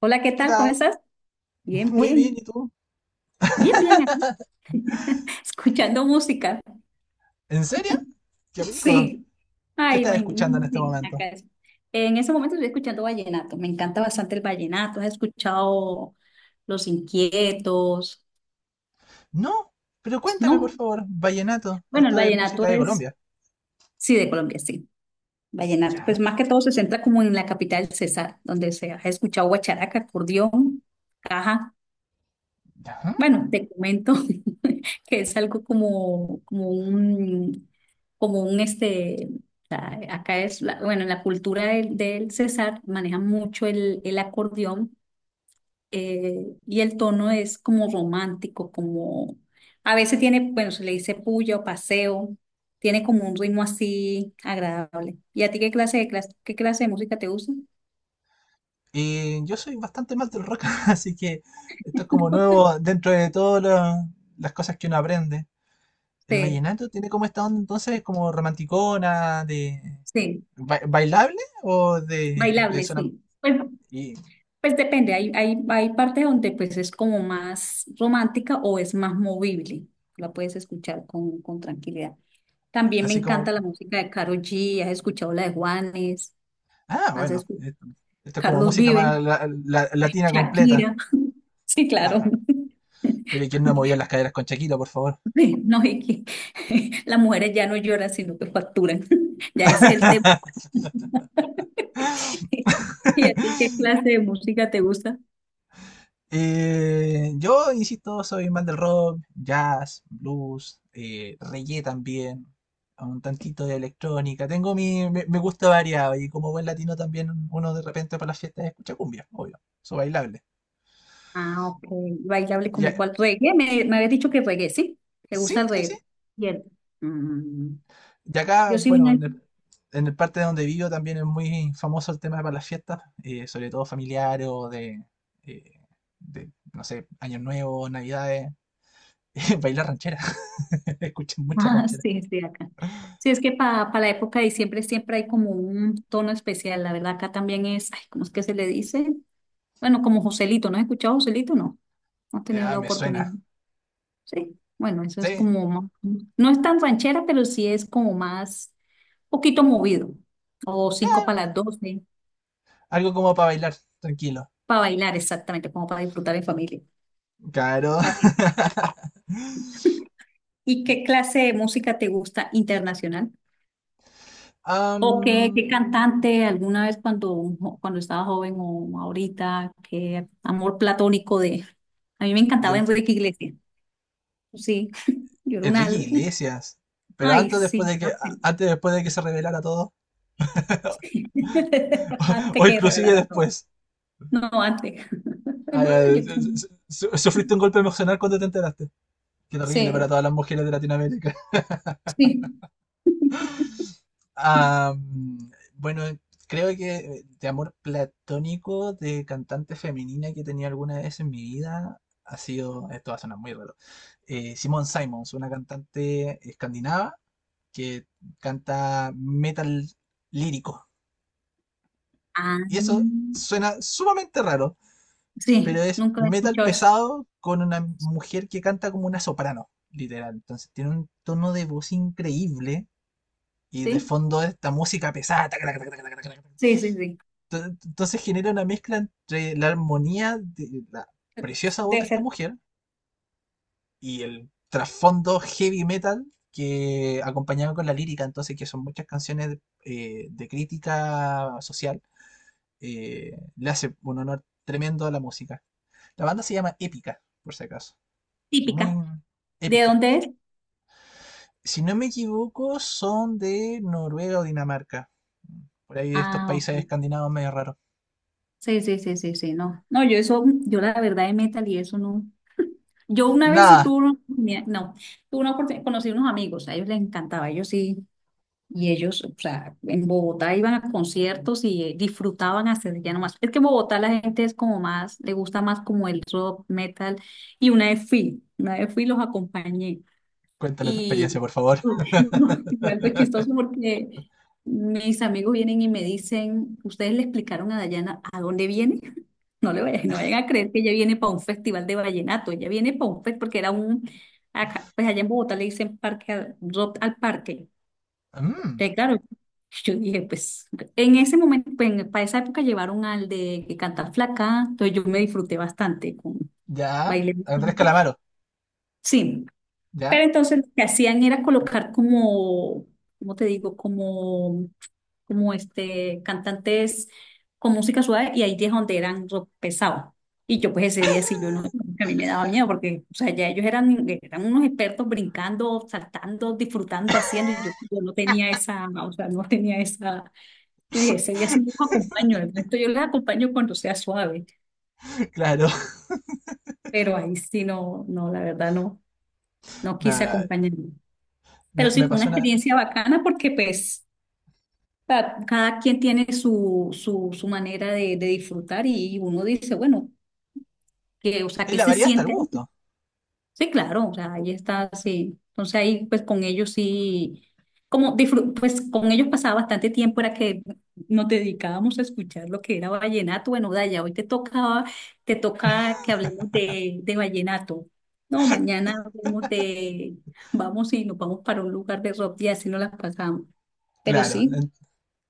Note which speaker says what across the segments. Speaker 1: Hola, ¿qué
Speaker 2: ¿Qué
Speaker 1: tal? ¿Cómo
Speaker 2: tal?
Speaker 1: estás? Bien,
Speaker 2: Muy bien,
Speaker 1: bien,
Speaker 2: ¿y tú?
Speaker 1: bien, bien, aquí, escuchando música.
Speaker 2: ¿En serio? Qué rico.
Speaker 1: Sí,
Speaker 2: ¿Qué
Speaker 1: ay,
Speaker 2: estás escuchando en este
Speaker 1: sí,
Speaker 2: momento?
Speaker 1: acá es. En ese momento estoy escuchando vallenato, me encanta bastante el vallenato, he escuchado Los Inquietos,
Speaker 2: No, pero cuéntame por
Speaker 1: ¿no?
Speaker 2: favor, vallenato.
Speaker 1: Bueno, el
Speaker 2: Esto es música
Speaker 1: vallenato
Speaker 2: de
Speaker 1: es,
Speaker 2: Colombia.
Speaker 1: sí, de Colombia, sí, vallenato, pues
Speaker 2: Ya,
Speaker 1: más que todo se centra como en la capital César, donde se ha escuchado guacharaca, acordeón, caja,
Speaker 2: ya.
Speaker 1: bueno, te comento. que es algo como, como un este, o sea, bueno, en la cultura del César manejan mucho el acordeón, y el tono es como romántico, como a veces tiene, bueno, se le dice puya o paseo, tiene como un ritmo así agradable. ¿Y a ti qué clase qué clase de música te gusta?
Speaker 2: Y yo soy bastante mal del rock, así que esto es como nuevo dentro de todas las cosas que uno aprende. El
Speaker 1: Sí,
Speaker 2: vallenato tiene como esta onda entonces como romanticona, de
Speaker 1: sí,
Speaker 2: bailable o de
Speaker 1: bailable,
Speaker 2: zona...
Speaker 1: sí.
Speaker 2: Y
Speaker 1: Pues depende, hay partes donde pues es como más romántica o es más movible, la puedes escuchar con tranquilidad. También me
Speaker 2: así como...
Speaker 1: encanta la música de Karol G, ¿has escuchado la de Juanes,
Speaker 2: Ah,
Speaker 1: has
Speaker 2: bueno,
Speaker 1: escuchado
Speaker 2: esto es como
Speaker 1: Carlos
Speaker 2: música
Speaker 1: Vive,
Speaker 2: más latina completa.
Speaker 1: Shakira? Sí,
Speaker 2: Ah,
Speaker 1: claro.
Speaker 2: bueno, pero ¿y quién no movió las caderas con Shakira, por favor?
Speaker 1: No, es que las mujeres ya no lloran, sino que facturan. Ya ese es el tema. ¿Y a ti qué clase de música te gusta?
Speaker 2: Yo, insisto, soy más del rock, jazz, blues, reggae también, un tantito de electrónica. Tengo me gusta variado y como buen latino también uno de repente para las fiestas escucha cumbia, obvio, su bailable.
Speaker 1: Ah, ok. Bailable
Speaker 2: Y
Speaker 1: como
Speaker 2: a-
Speaker 1: cuál reggae. Me habías dicho que reggae, ¿sí? ¿Te
Speaker 2: sí,
Speaker 1: gusta el
Speaker 2: sí, sí.
Speaker 1: reggae? Bien. Mm,
Speaker 2: Y acá,
Speaker 1: Yo soy
Speaker 2: bueno,
Speaker 1: una...
Speaker 2: en el parte de donde vivo también es muy famoso el tema para las fiestas, sobre todo familiares o eh, de, no sé, Año Nuevo, Navidades. Bailar ranchera. Escuché mucha
Speaker 1: Ah,
Speaker 2: ranchera.
Speaker 1: sí, sí, acá. Sí, es que para la época de diciembre siempre hay como un tono especial. La verdad, acá también es, ay, ¿cómo es que se le dice? Bueno, como Joselito. ¿No has escuchado Joselito? No. No has tenido
Speaker 2: Ah,
Speaker 1: la
Speaker 2: me
Speaker 1: oportunidad.
Speaker 2: suena.
Speaker 1: Sí. Bueno, eso es
Speaker 2: Sí.
Speaker 1: como... más... No es tan ranchera, pero sí es como más, poquito movido. O cinco para
Speaker 2: Ah,
Speaker 1: las doce.
Speaker 2: algo como para bailar, tranquilo.
Speaker 1: Para bailar, exactamente, como para disfrutar en familia.
Speaker 2: Claro.
Speaker 1: ¿Y qué clase de música te gusta internacional? ¿O qué,
Speaker 2: Am,
Speaker 1: qué cantante alguna vez cuando, cuando estaba joven o ahorita? ¿Qué amor platónico de... A mí me encantaba
Speaker 2: de-
Speaker 1: Enrique Iglesias. Sí, yo era una...
Speaker 2: Enrique Iglesias. Pero
Speaker 1: Ay,
Speaker 2: antes o después
Speaker 1: sí,
Speaker 2: de que
Speaker 1: era feliz.
Speaker 2: antes o después de que se revelara todo.
Speaker 1: Antes
Speaker 2: O
Speaker 1: que
Speaker 2: inclusive
Speaker 1: revelara todo.
Speaker 2: después.
Speaker 1: No, antes.
Speaker 2: Ah,
Speaker 1: No,
Speaker 2: ya,
Speaker 1: yo tengo...
Speaker 2: sufriste un golpe emocional cuando te enteraste. Qué terrible para
Speaker 1: Sí,
Speaker 2: todas las mujeres de Latinoamérica.
Speaker 1: sí.
Speaker 2: Ah, bueno, creo que de amor platónico de cantante femenina que tenía alguna vez en mi vida ha sido, esto va a sonar muy raro, Simone Simons, una cantante escandinava que canta metal lírico.
Speaker 1: Ah,
Speaker 2: Y eso suena sumamente raro, pero
Speaker 1: sí,
Speaker 2: es
Speaker 1: nunca he
Speaker 2: metal
Speaker 1: escuchado eso.
Speaker 2: pesado con una mujer que canta como una soprano, literal. Entonces tiene un tono de voz increíble y de
Speaker 1: Sí,
Speaker 2: fondo esta música pesada.
Speaker 1: sí, sí, sí.
Speaker 2: Entonces genera una mezcla entre la armonía de la preciosa voz de
Speaker 1: Debe
Speaker 2: esta
Speaker 1: ser
Speaker 2: mujer y el trasfondo heavy metal que acompañaba con la lírica, entonces que son muchas canciones de crítica social, le hace un honor tremendo a la música. La banda se llama Épica, por si acaso. Muy
Speaker 1: típica. ¿De
Speaker 2: épica.
Speaker 1: dónde es?
Speaker 2: Si no me equivoco, son de Noruega o Dinamarca. Por ahí de estos
Speaker 1: Ah,
Speaker 2: países
Speaker 1: ok.
Speaker 2: escandinavos medio raros.
Speaker 1: Sí, sí, sí, sí, sí, no. No, yo eso, yo la verdad de metal y eso no. Yo una vez
Speaker 2: Nada,
Speaker 1: tuve una oportunidad, no, tuve una oportunidad, conocí unos amigos, a ellos les encantaba, ellos sí, y ellos, o sea, en Bogotá iban a conciertos y disfrutaban hacer ya nomás. Es que en Bogotá la gente es como más, le gusta más como el rock, metal, y una vez fui y los acompañé.
Speaker 2: cuéntame tu experiencia,
Speaker 1: Y
Speaker 2: por favor.
Speaker 1: no, y algo chistoso porque mis amigos vienen y me dicen, ¿ustedes le explicaron a Dayana a dónde viene? No le vayan, no vayan a creer que ella viene para un festival de vallenato, ella viene para un festival porque era un, acá, pues allá en Bogotá le dicen parque al, rock al parque.
Speaker 2: Mm.
Speaker 1: Entonces, claro, yo dije, pues en ese momento, pues, en- para esa época llevaron al de Cantar Flaca, entonces yo me disfruté bastante, con,
Speaker 2: Ya.
Speaker 1: bailé
Speaker 2: Andrés
Speaker 1: bastante.
Speaker 2: Calamaro,
Speaker 1: Sí, pero
Speaker 2: ya.
Speaker 1: entonces lo que hacían era colocar como, ¿cómo te digo? Como, como este, cantantes con música suave y ahí es donde eran rock pesado. Y yo pues ese día sí yo no, a mí me daba miedo porque, o sea, ya ellos eran, eran unos expertos brincando, saltando, disfrutando, haciendo y yo no tenía esa, o sea, no tenía esa, yo dije, ese día sí no los acompaño, el resto yo les acompaño cuando sea suave,
Speaker 2: Claro,
Speaker 1: pero ahí sí no, no, la verdad no, no quise
Speaker 2: me,
Speaker 1: acompañar. Pero
Speaker 2: me
Speaker 1: sí fue una
Speaker 2: pasó una.
Speaker 1: experiencia bacana porque pues cada quien tiene su manera de disfrutar y uno dice, bueno, que, o sea,
Speaker 2: Es
Speaker 1: ¿qué
Speaker 2: la
Speaker 1: se
Speaker 2: variedad hasta el
Speaker 1: siente ahí?
Speaker 2: gusto,
Speaker 1: Sí, claro, o sea, ahí está, sí. Entonces ahí pues con ellos sí, pues con ellos pasaba bastante tiempo, era que nos dedicábamos a escuchar lo que era vallenato. Bueno, Daya, hoy te tocaba, te toca que hablemos de vallenato. No, mañana hablemos de, vamos y nos vamos para un lugar de rock y así nos las pasamos. Pero
Speaker 2: claro.
Speaker 1: sí.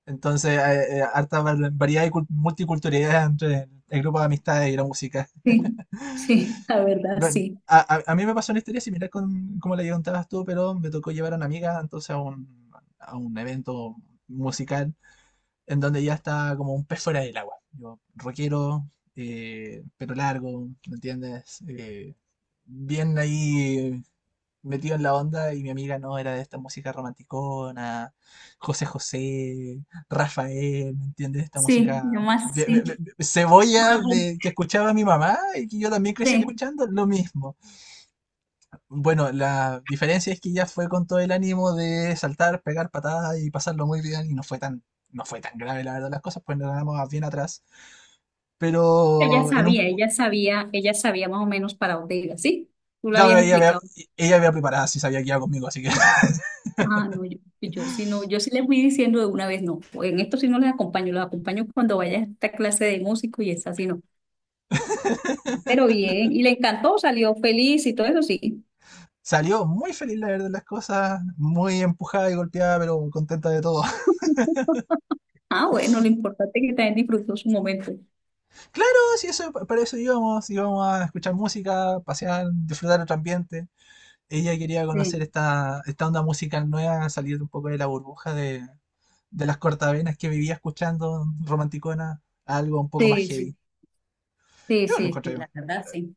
Speaker 2: Entonces, harta variedad y multiculturalidad entre el grupo de amistades y la música.
Speaker 1: Sí, sí, la verdad,
Speaker 2: Bueno,
Speaker 1: sí.
Speaker 2: a mí me pasó una historia similar con como la que contabas tú, pero me tocó llevar a una amiga entonces a un evento musical en donde ya está como un pez fuera del agua. Yo, rockero, pelo largo, ¿me entiendes? Bien ahí metido en la onda y mi amiga no era de esta música romanticona, José José, Rafael, ¿me entiendes? Esta
Speaker 1: Sí,
Speaker 2: música
Speaker 1: nomás sí,
Speaker 2: cebolla
Speaker 1: más apunté.
Speaker 2: de, que escuchaba mi mamá y que yo también crecí
Speaker 1: Pero
Speaker 2: escuchando lo mismo. Bueno, la diferencia es que ella fue con todo el ánimo de saltar, pegar patadas y pasarlo muy bien y no fue tan, no fue tan grave la verdad las cosas, pues nos quedamos bien atrás.
Speaker 1: ella
Speaker 2: Pero en un...
Speaker 1: sabía,
Speaker 2: pu-
Speaker 1: ella sabía, ella sabía más o menos para dónde iba, ¿sí? Tú lo
Speaker 2: no,
Speaker 1: habías explicado.
Speaker 2: ella me había preparado, sí sabía que iba conmigo, así que
Speaker 1: Ah, no, yo sí no, yo sí les fui diciendo de una vez, no, en esto sí no les acompaño, los acompaño cuando vaya a esta clase de músico y esa sí no. Pero bien, y le encantó, salió feliz y todo eso sí.
Speaker 2: salió muy feliz, la verdad, de las cosas, muy empujada y golpeada, pero contenta de todo.
Speaker 1: Ah, bueno, lo importante es que también disfrutó su momento.
Speaker 2: Claro, sí, eso, para eso íbamos, íbamos a escuchar música, pasear, disfrutar otro ambiente. Ella quería conocer
Speaker 1: Sí,
Speaker 2: esta, esta onda musical nueva, salir un poco de la burbuja de las cortavenas que vivía escuchando, romanticona, a algo un poco más
Speaker 1: sí, sí,
Speaker 2: heavy.
Speaker 1: sí,
Speaker 2: Yo lo
Speaker 1: sí, sí,
Speaker 2: encontré
Speaker 1: la verdad, sí.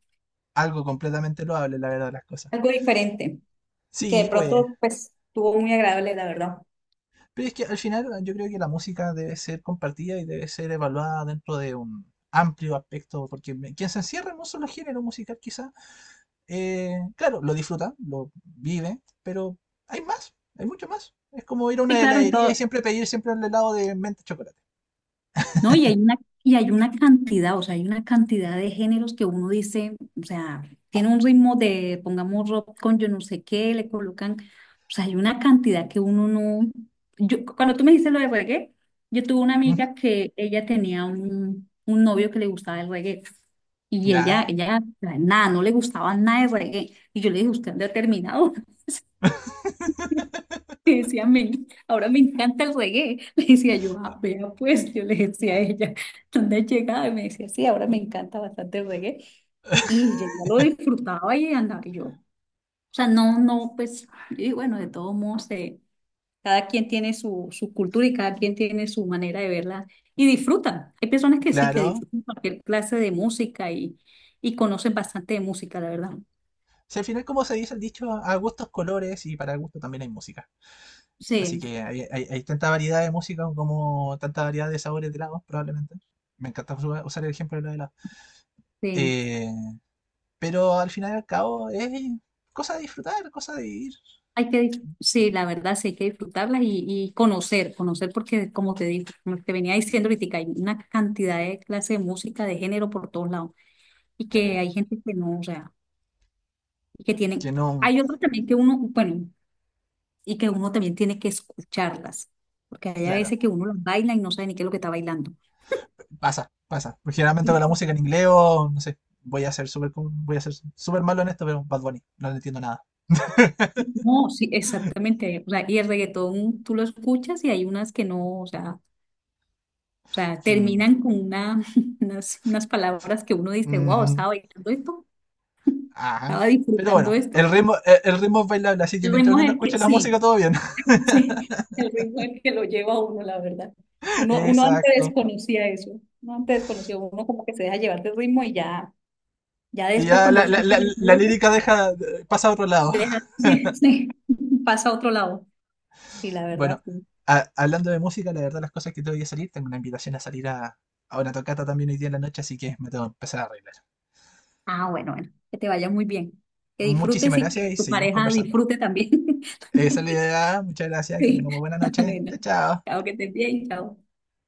Speaker 2: algo completamente loable, la verdad, de las cosas.
Speaker 1: Algo diferente. Que de
Speaker 2: Sí, pues,
Speaker 1: pronto pues estuvo muy agradable, la verdad.
Speaker 2: pero es que al final yo creo que la música debe ser compartida y debe ser evaluada dentro de un amplio aspecto, porque quien se encierra en un solo género musical quizá, claro, lo disfruta, lo vive, pero hay más, hay mucho más. Es como ir a
Speaker 1: Sí,
Speaker 2: una
Speaker 1: claro, y
Speaker 2: heladería y
Speaker 1: todo.
Speaker 2: siempre pedir siempre el helado de menta chocolate.
Speaker 1: No, y hay una cantidad, o sea, hay una cantidad de géneros que uno dice, o sea, tiene un ritmo de, pongamos rock con yo no sé qué, le colocan, o sea, hay una cantidad que uno no. Yo, cuando tú me dices lo de reggae, yo tuve una
Speaker 2: Ujú,
Speaker 1: amiga que ella tenía un novio que le gustaba el reggae, y ella,
Speaker 2: ya,
Speaker 1: ella, nada, no le gustaba nada de reggae, y yo le dije, usted es determinado. Le decía, me, ahora me encanta el reggae. Le decía yo, ah, vea pues, yo le decía a ella, ¿dónde has llegado? Y me decía, sí, ahora me encanta bastante el reggae. Y ella ya lo disfrutaba y andaba y yo. O sea, no, no, pues, y bueno, de todos modos, cada quien tiene su, su cultura y cada quien tiene su manera de verla y disfrutan. Hay personas que sí, que
Speaker 2: claro.
Speaker 1: disfrutan cualquier clase de música y conocen bastante de música, la verdad.
Speaker 2: Si al final, como se dice el dicho, a gustos colores y para gusto también hay música. Así
Speaker 1: Sí,
Speaker 2: que hay tanta variedad de música como tanta variedad de sabores de helados, probablemente. Me encanta usar el ejemplo de los helados.
Speaker 1: sí.
Speaker 2: Eh, pero al final y al cabo es cosa de disfrutar, cosa de ir.
Speaker 1: Hay que, sí, la verdad, sí, hay que disfrutarlas y conocer, conocer porque, como te digo, como te venía diciendo ahorita, hay una cantidad de clases de música, de género por todos lados y que
Speaker 2: Sí.
Speaker 1: hay gente que no, o sea, y que tienen,
Speaker 2: Que no,
Speaker 1: hay otros también que uno, bueno, y que uno también tiene que escucharlas, porque hay a
Speaker 2: claro,
Speaker 1: veces que uno las baila y no sabe ni qué es lo que está bailando.
Speaker 2: pasa, pasa. Porque generalmente
Speaker 1: Y-
Speaker 2: con la
Speaker 1: y-
Speaker 2: música en inglés o, no sé, voy a ser súper voy a ser súper malo en esto, pero Bad Bunny, no le entiendo nada.
Speaker 1: No, sí, exactamente, o sea, y el reggaetón tú lo escuchas y hay unas que no, o sea,
Speaker 2: Quien-
Speaker 1: terminan con una, unas, unas palabras que uno dice, wow,
Speaker 2: ujú,
Speaker 1: estaba bailando esto.
Speaker 2: ajá.
Speaker 1: Estaba
Speaker 2: Pero bueno,
Speaker 1: disfrutando esto.
Speaker 2: el ritmo, el ritmo es bailable, así que
Speaker 1: El
Speaker 2: mientras
Speaker 1: ritmo
Speaker 2: uno
Speaker 1: es
Speaker 2: no
Speaker 1: el
Speaker 2: escuche
Speaker 1: que,
Speaker 2: la música,
Speaker 1: sí,
Speaker 2: todo bien.
Speaker 1: sí, el ritmo es el que lo lleva a uno, la verdad. Uno, uno antes
Speaker 2: Exacto.
Speaker 1: desconocía eso, uno antes desconocía, uno como que se deja llevar del ritmo y ya, ya
Speaker 2: Y
Speaker 1: después
Speaker 2: ya
Speaker 1: cuando escucha la
Speaker 2: la
Speaker 1: letra,
Speaker 2: lírica deja, pasa a otro lado.
Speaker 1: deja, sí, sí, pasa a otro lado. Sí, la verdad,
Speaker 2: Bueno,
Speaker 1: sí.
Speaker 2: hablando de música, la verdad las cosas que tengo que salir, tengo una invitación a salir a una tocata también hoy día en la noche, así que me tengo que empezar a arreglar.
Speaker 1: Ah, bueno, bueno, que te vaya muy bien, que disfrutes
Speaker 2: Muchísimas
Speaker 1: y
Speaker 2: gracias
Speaker 1: que
Speaker 2: y
Speaker 1: tu
Speaker 2: seguimos
Speaker 1: pareja
Speaker 2: conversando.
Speaker 1: disfrute también.
Speaker 2: Esa es la idea, muchas gracias, que
Speaker 1: Sí,
Speaker 2: tengamos buena noche. Chao,
Speaker 1: bueno,
Speaker 2: chao.
Speaker 1: chao, que estés bien, chao.